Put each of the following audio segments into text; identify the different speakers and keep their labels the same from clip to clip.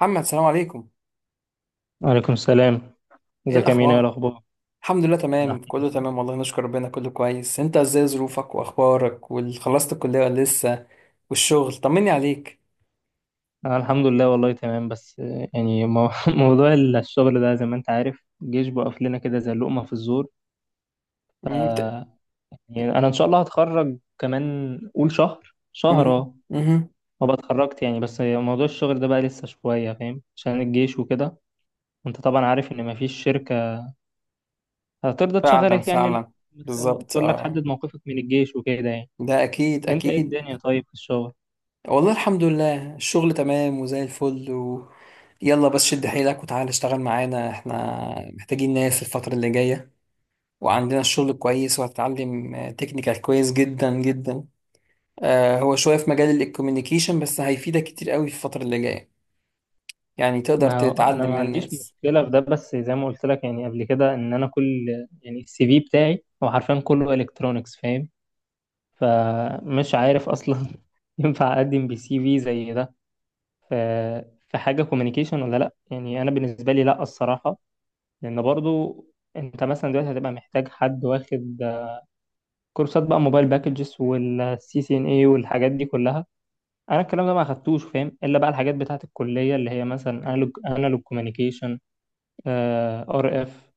Speaker 1: محمد، سلام عليكم.
Speaker 2: وعليكم السلام.
Speaker 1: ايه
Speaker 2: ازيك يا مينا؟ ايه
Speaker 1: الاخبار؟
Speaker 2: الاخبار؟
Speaker 1: الحمد لله،
Speaker 2: انا
Speaker 1: تمام، كله تمام والله، نشكر ربنا، كله كويس. انت ازاي؟ ظروفك واخبارك، وخلصت الكليه ولا لسه؟ والشغل طمني عليك.
Speaker 2: أنا الحمد لله والله تمام. بس موضوع الشغل ده زي ما انت عارف، الجيش بقف لنا كده زي اللقمه في الزور.
Speaker 1: مم.
Speaker 2: يعني انا ان شاء الله هتخرج كمان قول شهر، شهر.
Speaker 1: مم،
Speaker 2: اه،
Speaker 1: مم.
Speaker 2: وابقى اتخرجت يعني، بس موضوع الشغل ده بقى لسه شويه فاهم، عشان الجيش وكده. وانت طبعا عارف ان مفيش شركه هترضى
Speaker 1: فعلا
Speaker 2: تشغلك يعني.
Speaker 1: فعلا،
Speaker 2: اه،
Speaker 1: بالظبط،
Speaker 2: تقول لك
Speaker 1: اه.
Speaker 2: حدد موقفك من الجيش وكده يعني.
Speaker 1: ده اكيد
Speaker 2: انت ايه
Speaker 1: اكيد.
Speaker 2: الدنيا طيب في الشغل؟
Speaker 1: والله الحمد لله، الشغل تمام وزي الفل يلا بس شد حيلك وتعال اشتغل معانا، احنا محتاجين ناس الفترة اللي جاية، وعندنا الشغل كويس، وهتتعلم تكنيكال كويس جدا جدا. هو شوية في مجال الكوميونيكيشن بس هيفيدك كتير قوي في الفترة اللي جاية، يعني تقدر
Speaker 2: ما هو انا
Speaker 1: تتعلم
Speaker 2: ما
Speaker 1: من
Speaker 2: عنديش
Speaker 1: الناس.
Speaker 2: مشكله في ده، بس زي ما قلت لك يعني قبل كده ان انا كل، يعني السي في بتاعي هو حرفيا كله الكترونكس، فاهم؟ فمش عارف اصلا ينفع اقدم بسي في زي ده ف- في حاجه كوميونيكيشن ولا لا. يعني انا بالنسبه لي لا، الصراحه. لان برضو انت مثلا دلوقتي هتبقى محتاج حد واخد كورسات بقى، موبايل باكجز والسي سي ان اي والحاجات دي كلها. انا الكلام ده ما اخدتوش، فاهم؟ الا بقى الحاجات بتاعت الكليه، اللي هي مثلا انالوج ار اف،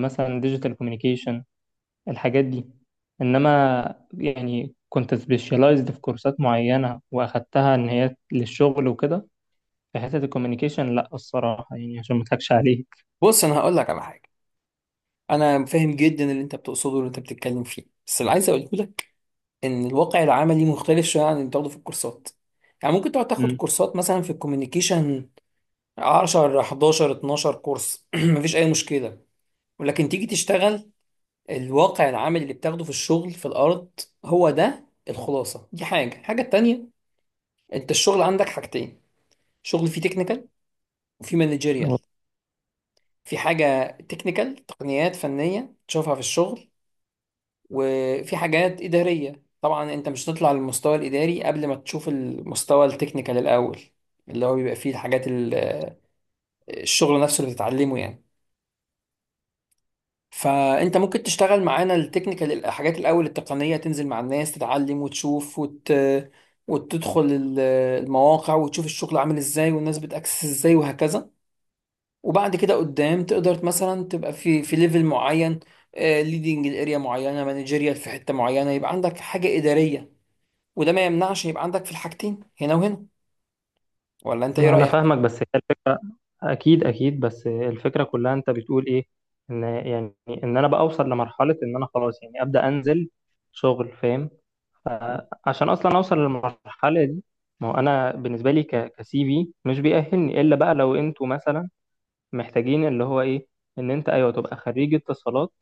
Speaker 2: مثلا ديجيتال كوميونيكيشن، الحاجات دي. انما يعني كنت سبيشالايزد في كورسات معينه واخدتها ان هي للشغل وكده. في حته الكوميونيكيشن لا الصراحه، يعني عشان ما اضحكش عليك.
Speaker 1: بص أنا هقول لك على حاجة، أنا فاهم جدا اللي أنت بتقصده واللي أنت بتتكلم فيه، بس اللي عايز أقوله لك إن الواقع العملي مختلف شوية عن اللي بتاخده في الكورسات. يعني ممكن تقعد تاخد
Speaker 2: مم.
Speaker 1: كورسات مثلا في الكوميونيكيشن 10 11 12 كورس، مفيش أي مشكلة، ولكن تيجي تشتغل الواقع العملي اللي بتاخده في الشغل في الأرض، هو ده الخلاصة. دي حاجة، الحاجة التانية: أنت الشغل عندك حاجتين، شغل فيه تكنيكال وفي
Speaker 2: و-
Speaker 1: مانجيريال. في حاجة تكنيكال تقنيات فنية تشوفها في الشغل، وفي حاجات إدارية. طبعا أنت مش هتطلع للمستوى الإداري قبل ما تشوف المستوى التكنيكال الأول، اللي هو بيبقى فيه الحاجات الشغل نفسه اللي بتتعلمه يعني. فأنت ممكن تشتغل معانا التكنيكال، الحاجات الأول التقنية، تنزل مع الناس تتعلم وتشوف وتدخل المواقع وتشوف الشغل عامل إزاي والناس بتأكسس إزاي وهكذا. وبعد كده قدام تقدر مثلا تبقى في ليفل معين، ليدنج الاريا معينه، مانجيريال في حته معينه، يبقى عندك حاجه اداريه، وده ما يمنعش يبقى عندك في الحاجتين، هنا وهنا. ولا انت ايه
Speaker 2: ما انا
Speaker 1: رايك؟
Speaker 2: فاهمك، بس هي الفكره. اكيد، بس الفكره كلها انت بتقول ايه؟ ان يعني ان انا بقى اوصل لمرحله ان انا خلاص يعني ابدا انزل شغل، فاهم؟ عشان اصلا اوصل للمرحله دي، ما هو انا بالنسبه لي كسي في مش بيأهلني، الا بقى لو انتوا مثلا محتاجين اللي هو ايه، ان انت ايوه تبقى خريج اتصالات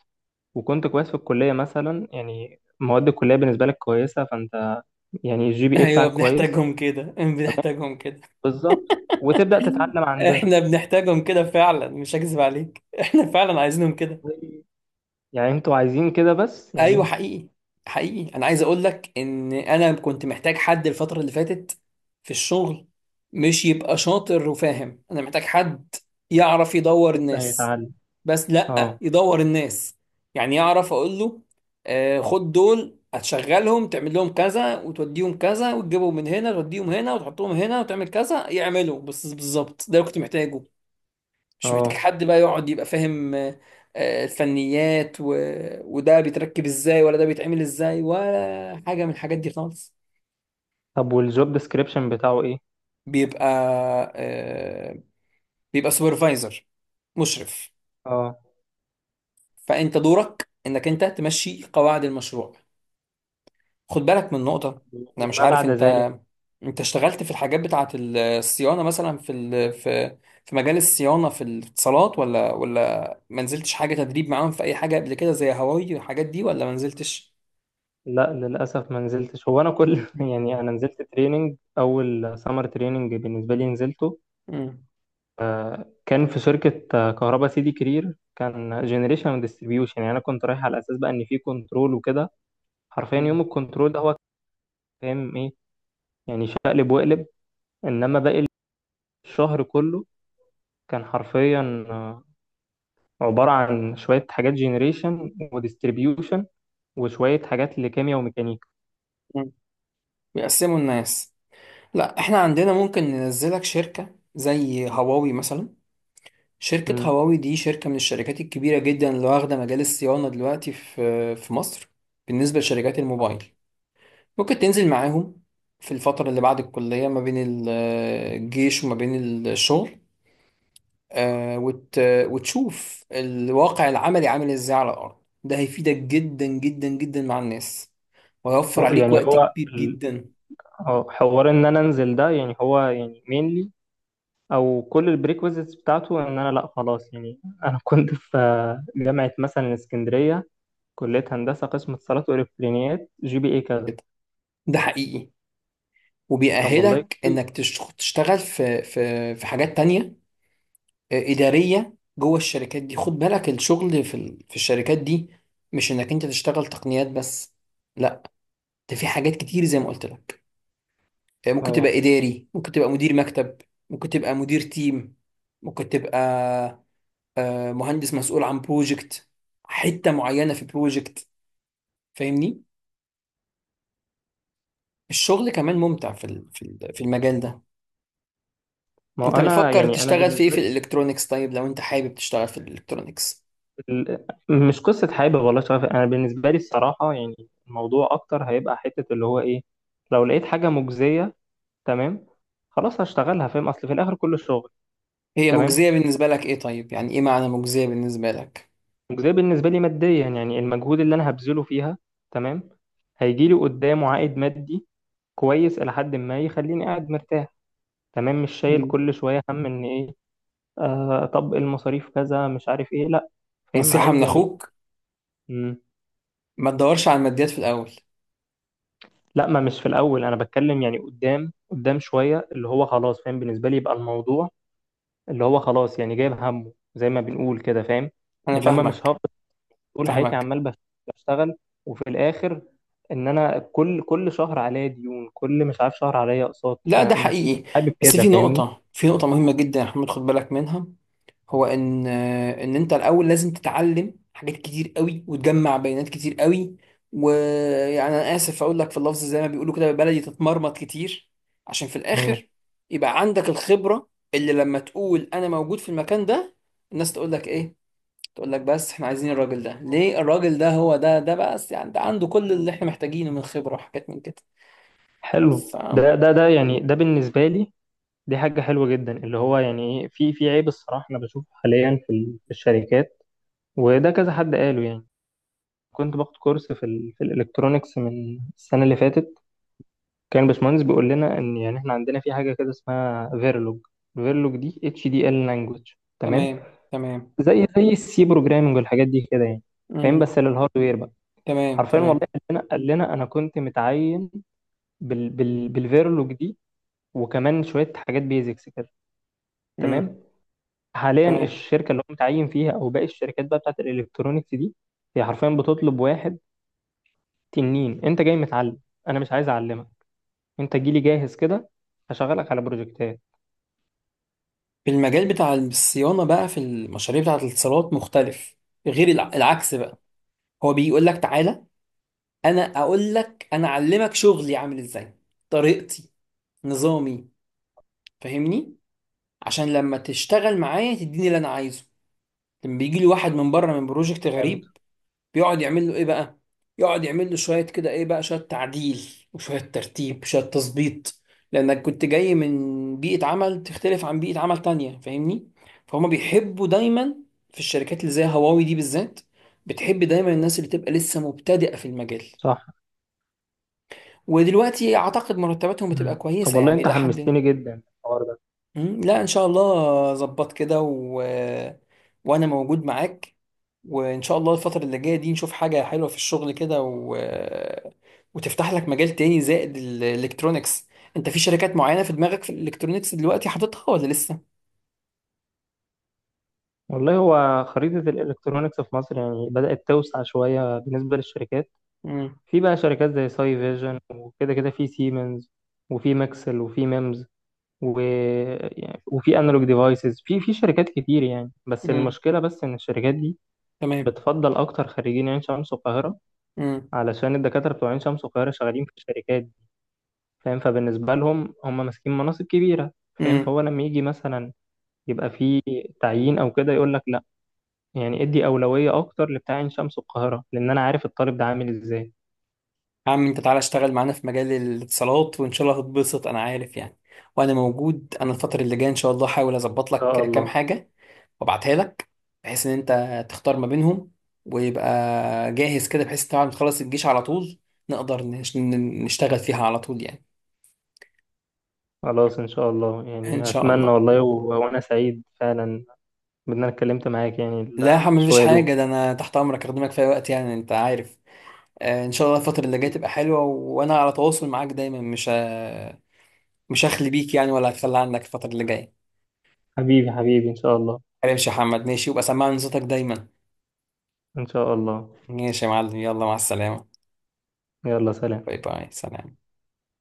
Speaker 2: وكنت كويس في الكليه، مثلا يعني مواد الكليه بالنسبه لك كويسه، فانت يعني الجي بي اي
Speaker 1: ايوه
Speaker 2: بتاعك كويس.
Speaker 1: بنحتاجهم كده، بنحتاجهم كده،
Speaker 2: بالظبط، وتبدأ تتعلم عندنا.
Speaker 1: احنا بنحتاجهم كده فعلا، مش هكذب عليك، احنا فعلا عايزينهم كده.
Speaker 2: يعني انتوا عايزين كده بس
Speaker 1: ايوه
Speaker 2: يعني.
Speaker 1: حقيقي، حقيقي. انا عايز اقول لك ان انا كنت محتاج حد الفتره اللي فاتت في الشغل، مش يبقى شاطر وفاهم، انا محتاج حد يعرف يدور
Speaker 2: لسه
Speaker 1: الناس،
Speaker 2: هيتعلم.
Speaker 1: بس لأ
Speaker 2: اه.
Speaker 1: يدور الناس، يعني يعرف أقول له خد دول هتشغلهم، تعمل لهم كذا وتوديهم كذا وتجيبهم من هنا توديهم هنا وتحطهم هنا وتعمل كذا يعملوا، بس بالظبط ده اللي كنت محتاجه. مش محتاج
Speaker 2: اه،
Speaker 1: حد بقى يقعد يبقى فاهم الفنيات وده بيتركب ازاي ولا ده بيتعمل ازاي، ولا حاجة من الحاجات دي خالص.
Speaker 2: طب والجوب ديسكريبشن بتاعه ايه؟
Speaker 1: بيبقى آه، بيبقى سوبرفايزر، مشرف.
Speaker 2: اه،
Speaker 1: فأنت دورك إنك أنت تمشي قواعد المشروع. خد بالك من نقطة، أنا مش
Speaker 2: وما
Speaker 1: عارف
Speaker 2: بعد
Speaker 1: أنت،
Speaker 2: ذلك؟
Speaker 1: أنت اشتغلت في الحاجات بتاعة الصيانة مثلا في ال... في في مجال الصيانة في الاتصالات، ولا ما نزلتش حاجة تدريب معاهم في أي حاجة قبل كده زي هواوي والحاجات دي، ولا ما نزلتش؟
Speaker 2: لا للأسف ما نزلتش. هو أنا كل يعني أنا نزلت تريننج، أول سمر تريننج بالنسبة لي نزلته،
Speaker 1: مم.
Speaker 2: آه، كان في شركة كهربا سيدي كرير، كان جنريشن وديستريبيوشن. يعني أنا كنت رايح على أساس بقى إن في كنترول وكده، حرفيا يوم
Speaker 1: مم.
Speaker 2: الكنترول ده هو كان فاهم إيه يعني؟ شقلب وقلب. إنما باقي الشهر كله كان حرفيا عبارة عن شوية حاجات جنريشن وديستريبيوشن وشوية حاجات لكيمياء وميكانيكا.
Speaker 1: مم. بيقسموا الناس. لا احنا عندنا ممكن ننزلك شركة زي هواوي مثلا، شركة
Speaker 2: مم.
Speaker 1: هواوي دي شركة من الشركات الكبيرة جدا اللي واخدة مجال الصيانة دلوقتي في مصر بالنسبة لشركات الموبايل. ممكن تنزل معاهم في الفترة اللي بعد الكلية ما بين الجيش وما بين الشغل، آه، وت... وتشوف الواقع العملي عامل ازاي على الأرض. ده هيفيدك جدا جدا جدا مع الناس، وهيوفر عليك
Speaker 2: يعني
Speaker 1: وقت
Speaker 2: هو
Speaker 1: كبير جدا.
Speaker 2: اه حوار ان انا انزل ده، يعني هو يعني مينلي او كل البريكوزيتس بتاعته ان انا لا خلاص، يعني انا كنت في جامعه مثلا اسكندريه، كليه هندسه قسم اتصالات والكترونيات، جي بي اي كذا.
Speaker 1: كده. ده حقيقي
Speaker 2: طب والله
Speaker 1: وبيأهلك انك
Speaker 2: كويس.
Speaker 1: تشتغل في في حاجات تانية إدارية جوه الشركات دي. خد بالك الشغل في في الشركات دي مش انك انت تشتغل تقنيات بس، لا، ده في حاجات كتير زي ما قلت لك. ممكن
Speaker 2: اه.
Speaker 1: تبقى إداري، ممكن تبقى مدير مكتب، ممكن تبقى مدير تيم، ممكن تبقى مهندس مسؤول عن بروجكت، حتة معينة في بروجكت، فاهمني. الشغل كمان ممتع في في المجال ده.
Speaker 2: ما هو
Speaker 1: انت
Speaker 2: انا
Speaker 1: بتفكر
Speaker 2: يعني انا
Speaker 1: تشتغل في ايه؟
Speaker 2: بالنسبه
Speaker 1: في
Speaker 2: لي
Speaker 1: الالكترونيكس؟ طيب لو انت حابب تشتغل في الالكترونيكس،
Speaker 2: مش قصه حابب والله شغف، انا بالنسبه لي الصراحه يعني الموضوع اكتر هيبقى حته اللي هو ايه، لو لقيت حاجه مجزيه، تمام، خلاص هشتغلها، فاهم؟ اصل في الاخر كله شغل.
Speaker 1: هي
Speaker 2: تمام.
Speaker 1: مجزية بالنسبة لك ايه؟ طيب يعني ايه معنى مجزية بالنسبة لك؟
Speaker 2: مجزية بالنسبة لي ماديا، يعني المجهود اللي أنا هبذله فيها، تمام، هيجي لي قدامه عائد مادي كويس إلى حد ما، يخليني قاعد مرتاح، تمام، مش شايل
Speaker 1: مم.
Speaker 2: كل شوية هم إن إيه آه، طب المصاريف كذا مش عارف إيه، لأ. فاهم
Speaker 1: نصيحة
Speaker 2: عايز
Speaker 1: من
Speaker 2: يعني.
Speaker 1: اخوك،
Speaker 2: مم.
Speaker 1: ما تدورش على الماديات في الاول.
Speaker 2: لأ ما مش في الأول، أنا بتكلم يعني قدام، قدام شوية، اللي هو خلاص، فاهم؟ بالنسبة لي يبقى الموضوع اللي هو خلاص يعني جايب همه، زي ما بنقول كده، فاهم؟
Speaker 1: انا
Speaker 2: إنما مش
Speaker 1: فاهمك،
Speaker 2: طول حياتي
Speaker 1: فاهمك.
Speaker 2: عمال بشتغل وفي الاخر ان انا كل شهر عليا ديون، كل مش عارف شهر عليا اقساط،
Speaker 1: لا
Speaker 2: ما-
Speaker 1: ده
Speaker 2: مش مش
Speaker 1: حقيقي،
Speaker 2: حابب
Speaker 1: بس
Speaker 2: كده،
Speaker 1: في
Speaker 2: فاهمني؟
Speaker 1: نقطة، في نقطة مهمة جدا يا محمد خد بالك منها. هو ان انت الاول لازم تتعلم حاجات كتير قوي وتجمع بيانات كتير قوي، ويعني انا اسف اقول لك في اللفظ زي ما بيقولوا كده بالبلدي، تتمرمط كتير عشان في
Speaker 2: اه.
Speaker 1: الاخر يبقى عندك الخبرة اللي لما تقول انا موجود في المكان ده، الناس تقول لك ايه؟ تقول لك: بس احنا عايزين الراجل ده، ليه الراجل ده؟ هو ده بس، يعني ده عنده كل اللي احنا محتاجينه من خبرة وحاجات من كده.
Speaker 2: حلو
Speaker 1: فاهم.
Speaker 2: ده، ده يعني ده بالنسبه لي دي حاجه حلوه جدا، اللي هو يعني ايه، في في عيب الصراحه انا بشوفه حاليا في الشركات، وده كذا حد قاله يعني. كنت باخد كورس في الالكترونكس من السنه اللي فاتت، كان الباشمهندس بيقول لنا ان يعني احنا عندنا في حاجه كده اسمها فيرلوج. فيرلوج دي اتش دي ال لانجوج، تمام،
Speaker 1: تمام تمام.
Speaker 2: زي السي بروجرامنج والحاجات دي كده يعني، فاهم؟
Speaker 1: مم.
Speaker 2: بس للهاردوير بقى.
Speaker 1: تمام
Speaker 2: حرفيا والله
Speaker 1: تمام.
Speaker 2: قال لنا انا كنت متعين بال بال بالفيرلوج دي، وكمان شويه حاجات بيزكس كده،
Speaker 1: امم.
Speaker 2: تمام. حاليا
Speaker 1: تمام.
Speaker 2: الشركه اللي هو متعين فيها او باقي الشركات بقى بتاعت الالكترونيكس دي، هي حرفيا بتطلب واحد تنين انت جاي متعلم، انا مش عايز اعلمك، انت جيلي جاهز كده، هشغلك على بروجكتات.
Speaker 1: المجال بتاع الصيانه بقى في المشاريع بتاعه الاتصالات مختلف، غير العكس بقى. هو بيقول لك تعالى انا اقول لك، انا اعلمك شغلي عامل ازاي، طريقتي، نظامي، فاهمني، عشان لما تشتغل معايا تديني اللي انا عايزه. لما بيجي لي واحد من بره من بروجكت
Speaker 2: فهمت.
Speaker 1: غريب، بيقعد يعمل له ايه بقى؟ يقعد يعمل له شويه كده، ايه بقى، شويه تعديل وشويه ترتيب، شويه تظبيط، لانك كنت جاي من بيئه عمل تختلف عن بيئه عمل تانية، فاهمني. فهم بيحبوا دايما في الشركات اللي زي هواوي دي بالذات، بتحب دايما الناس اللي تبقى لسه مبتدئه في المجال.
Speaker 2: صح.
Speaker 1: ودلوقتي اعتقد مرتباتهم بتبقى
Speaker 2: مم. طب
Speaker 1: كويسه،
Speaker 2: والله
Speaker 1: يعني
Speaker 2: انت
Speaker 1: الى حد ما.
Speaker 2: حمستني جدا الحوار ده.
Speaker 1: لا ان شاء الله ظبط كده وانا موجود معاك، وان شاء الله الفترة اللي جاية دي نشوف حاجة حلوة في الشغل كده وتفتح لك مجال تاني زائد الالكترونيكس. انت في شركات معينة في دماغك في الالكترونيكس دلوقتي حاططها ولا لسه؟
Speaker 2: والله هو خريطة الإلكترونيكس في مصر يعني بدأت توسع شوية بالنسبة للشركات.
Speaker 1: امم.
Speaker 2: في بقى شركات زي ساي فيجن وكده كده، في سيمنز، وفي ماكسل، وفي ميمز، و... يعني وفي انالوج ديفايسز، في في شركات كتير يعني، بس
Speaker 1: امم.
Speaker 2: المشكلة بس إن الشركات دي
Speaker 1: تمام.
Speaker 2: بتفضل أكتر خريجين عين شمس والقاهرة،
Speaker 1: امم.
Speaker 2: علشان الدكاترة بتوع عين شمس والقاهرة شغالين في الشركات دي، فاهم؟ فبالنسبة لهم هم ماسكين مناصب كبيرة، فاهم؟
Speaker 1: امم.
Speaker 2: فهو لما يجي مثلا يبقى في تعيين أو كده، يقول لك يعني ادي أولوية أكتر لبتاع عين شمس والقاهرة، لأن أنا عارف الطالب ده عامل إزاي. إن
Speaker 1: يا عم انت تعالى اشتغل معانا في مجال الاتصالات وان شاء الله هتتبسط، انا عارف يعني. وانا موجود، انا الفترة اللي جاية ان شاء الله هحاول اظبط لك
Speaker 2: شاء
Speaker 1: كام
Speaker 2: الله.
Speaker 1: حاجة وابعتها لك، بحيث ان انت تختار ما بينهم، ويبقى جاهز كده، بحيث طبعا تخلص الجيش على طول نقدر نشتغل فيها على طول يعني.
Speaker 2: خلاص إن شاء الله،
Speaker 1: ان
Speaker 2: يعني
Speaker 1: شاء
Speaker 2: أتمنى
Speaker 1: الله.
Speaker 2: والله، و... وأنا سعيد فعلا بإن أنا اتكلمت معاك يعني
Speaker 1: لا يا حمد مفيش
Speaker 2: شوية دول.
Speaker 1: حاجه، ده انا تحت امرك اخدمك في اي وقت يعني انت عارف. ان شاء الله الفتره اللي جايه تبقى حلوه، وانا على تواصل معاك دايما، مش هخلي بيك يعني، ولا هتخلى عنك الفتره اللي جايه.
Speaker 2: حبيبي إن شاء الله.
Speaker 1: ماشي يا حمد ماشي، وابقى سمعني صوتك دايما.
Speaker 2: إن شاء الله.
Speaker 1: ماشي يا معلم، يلا مع السلامه.
Speaker 2: يلا سلام.
Speaker 1: باي باي، سلام.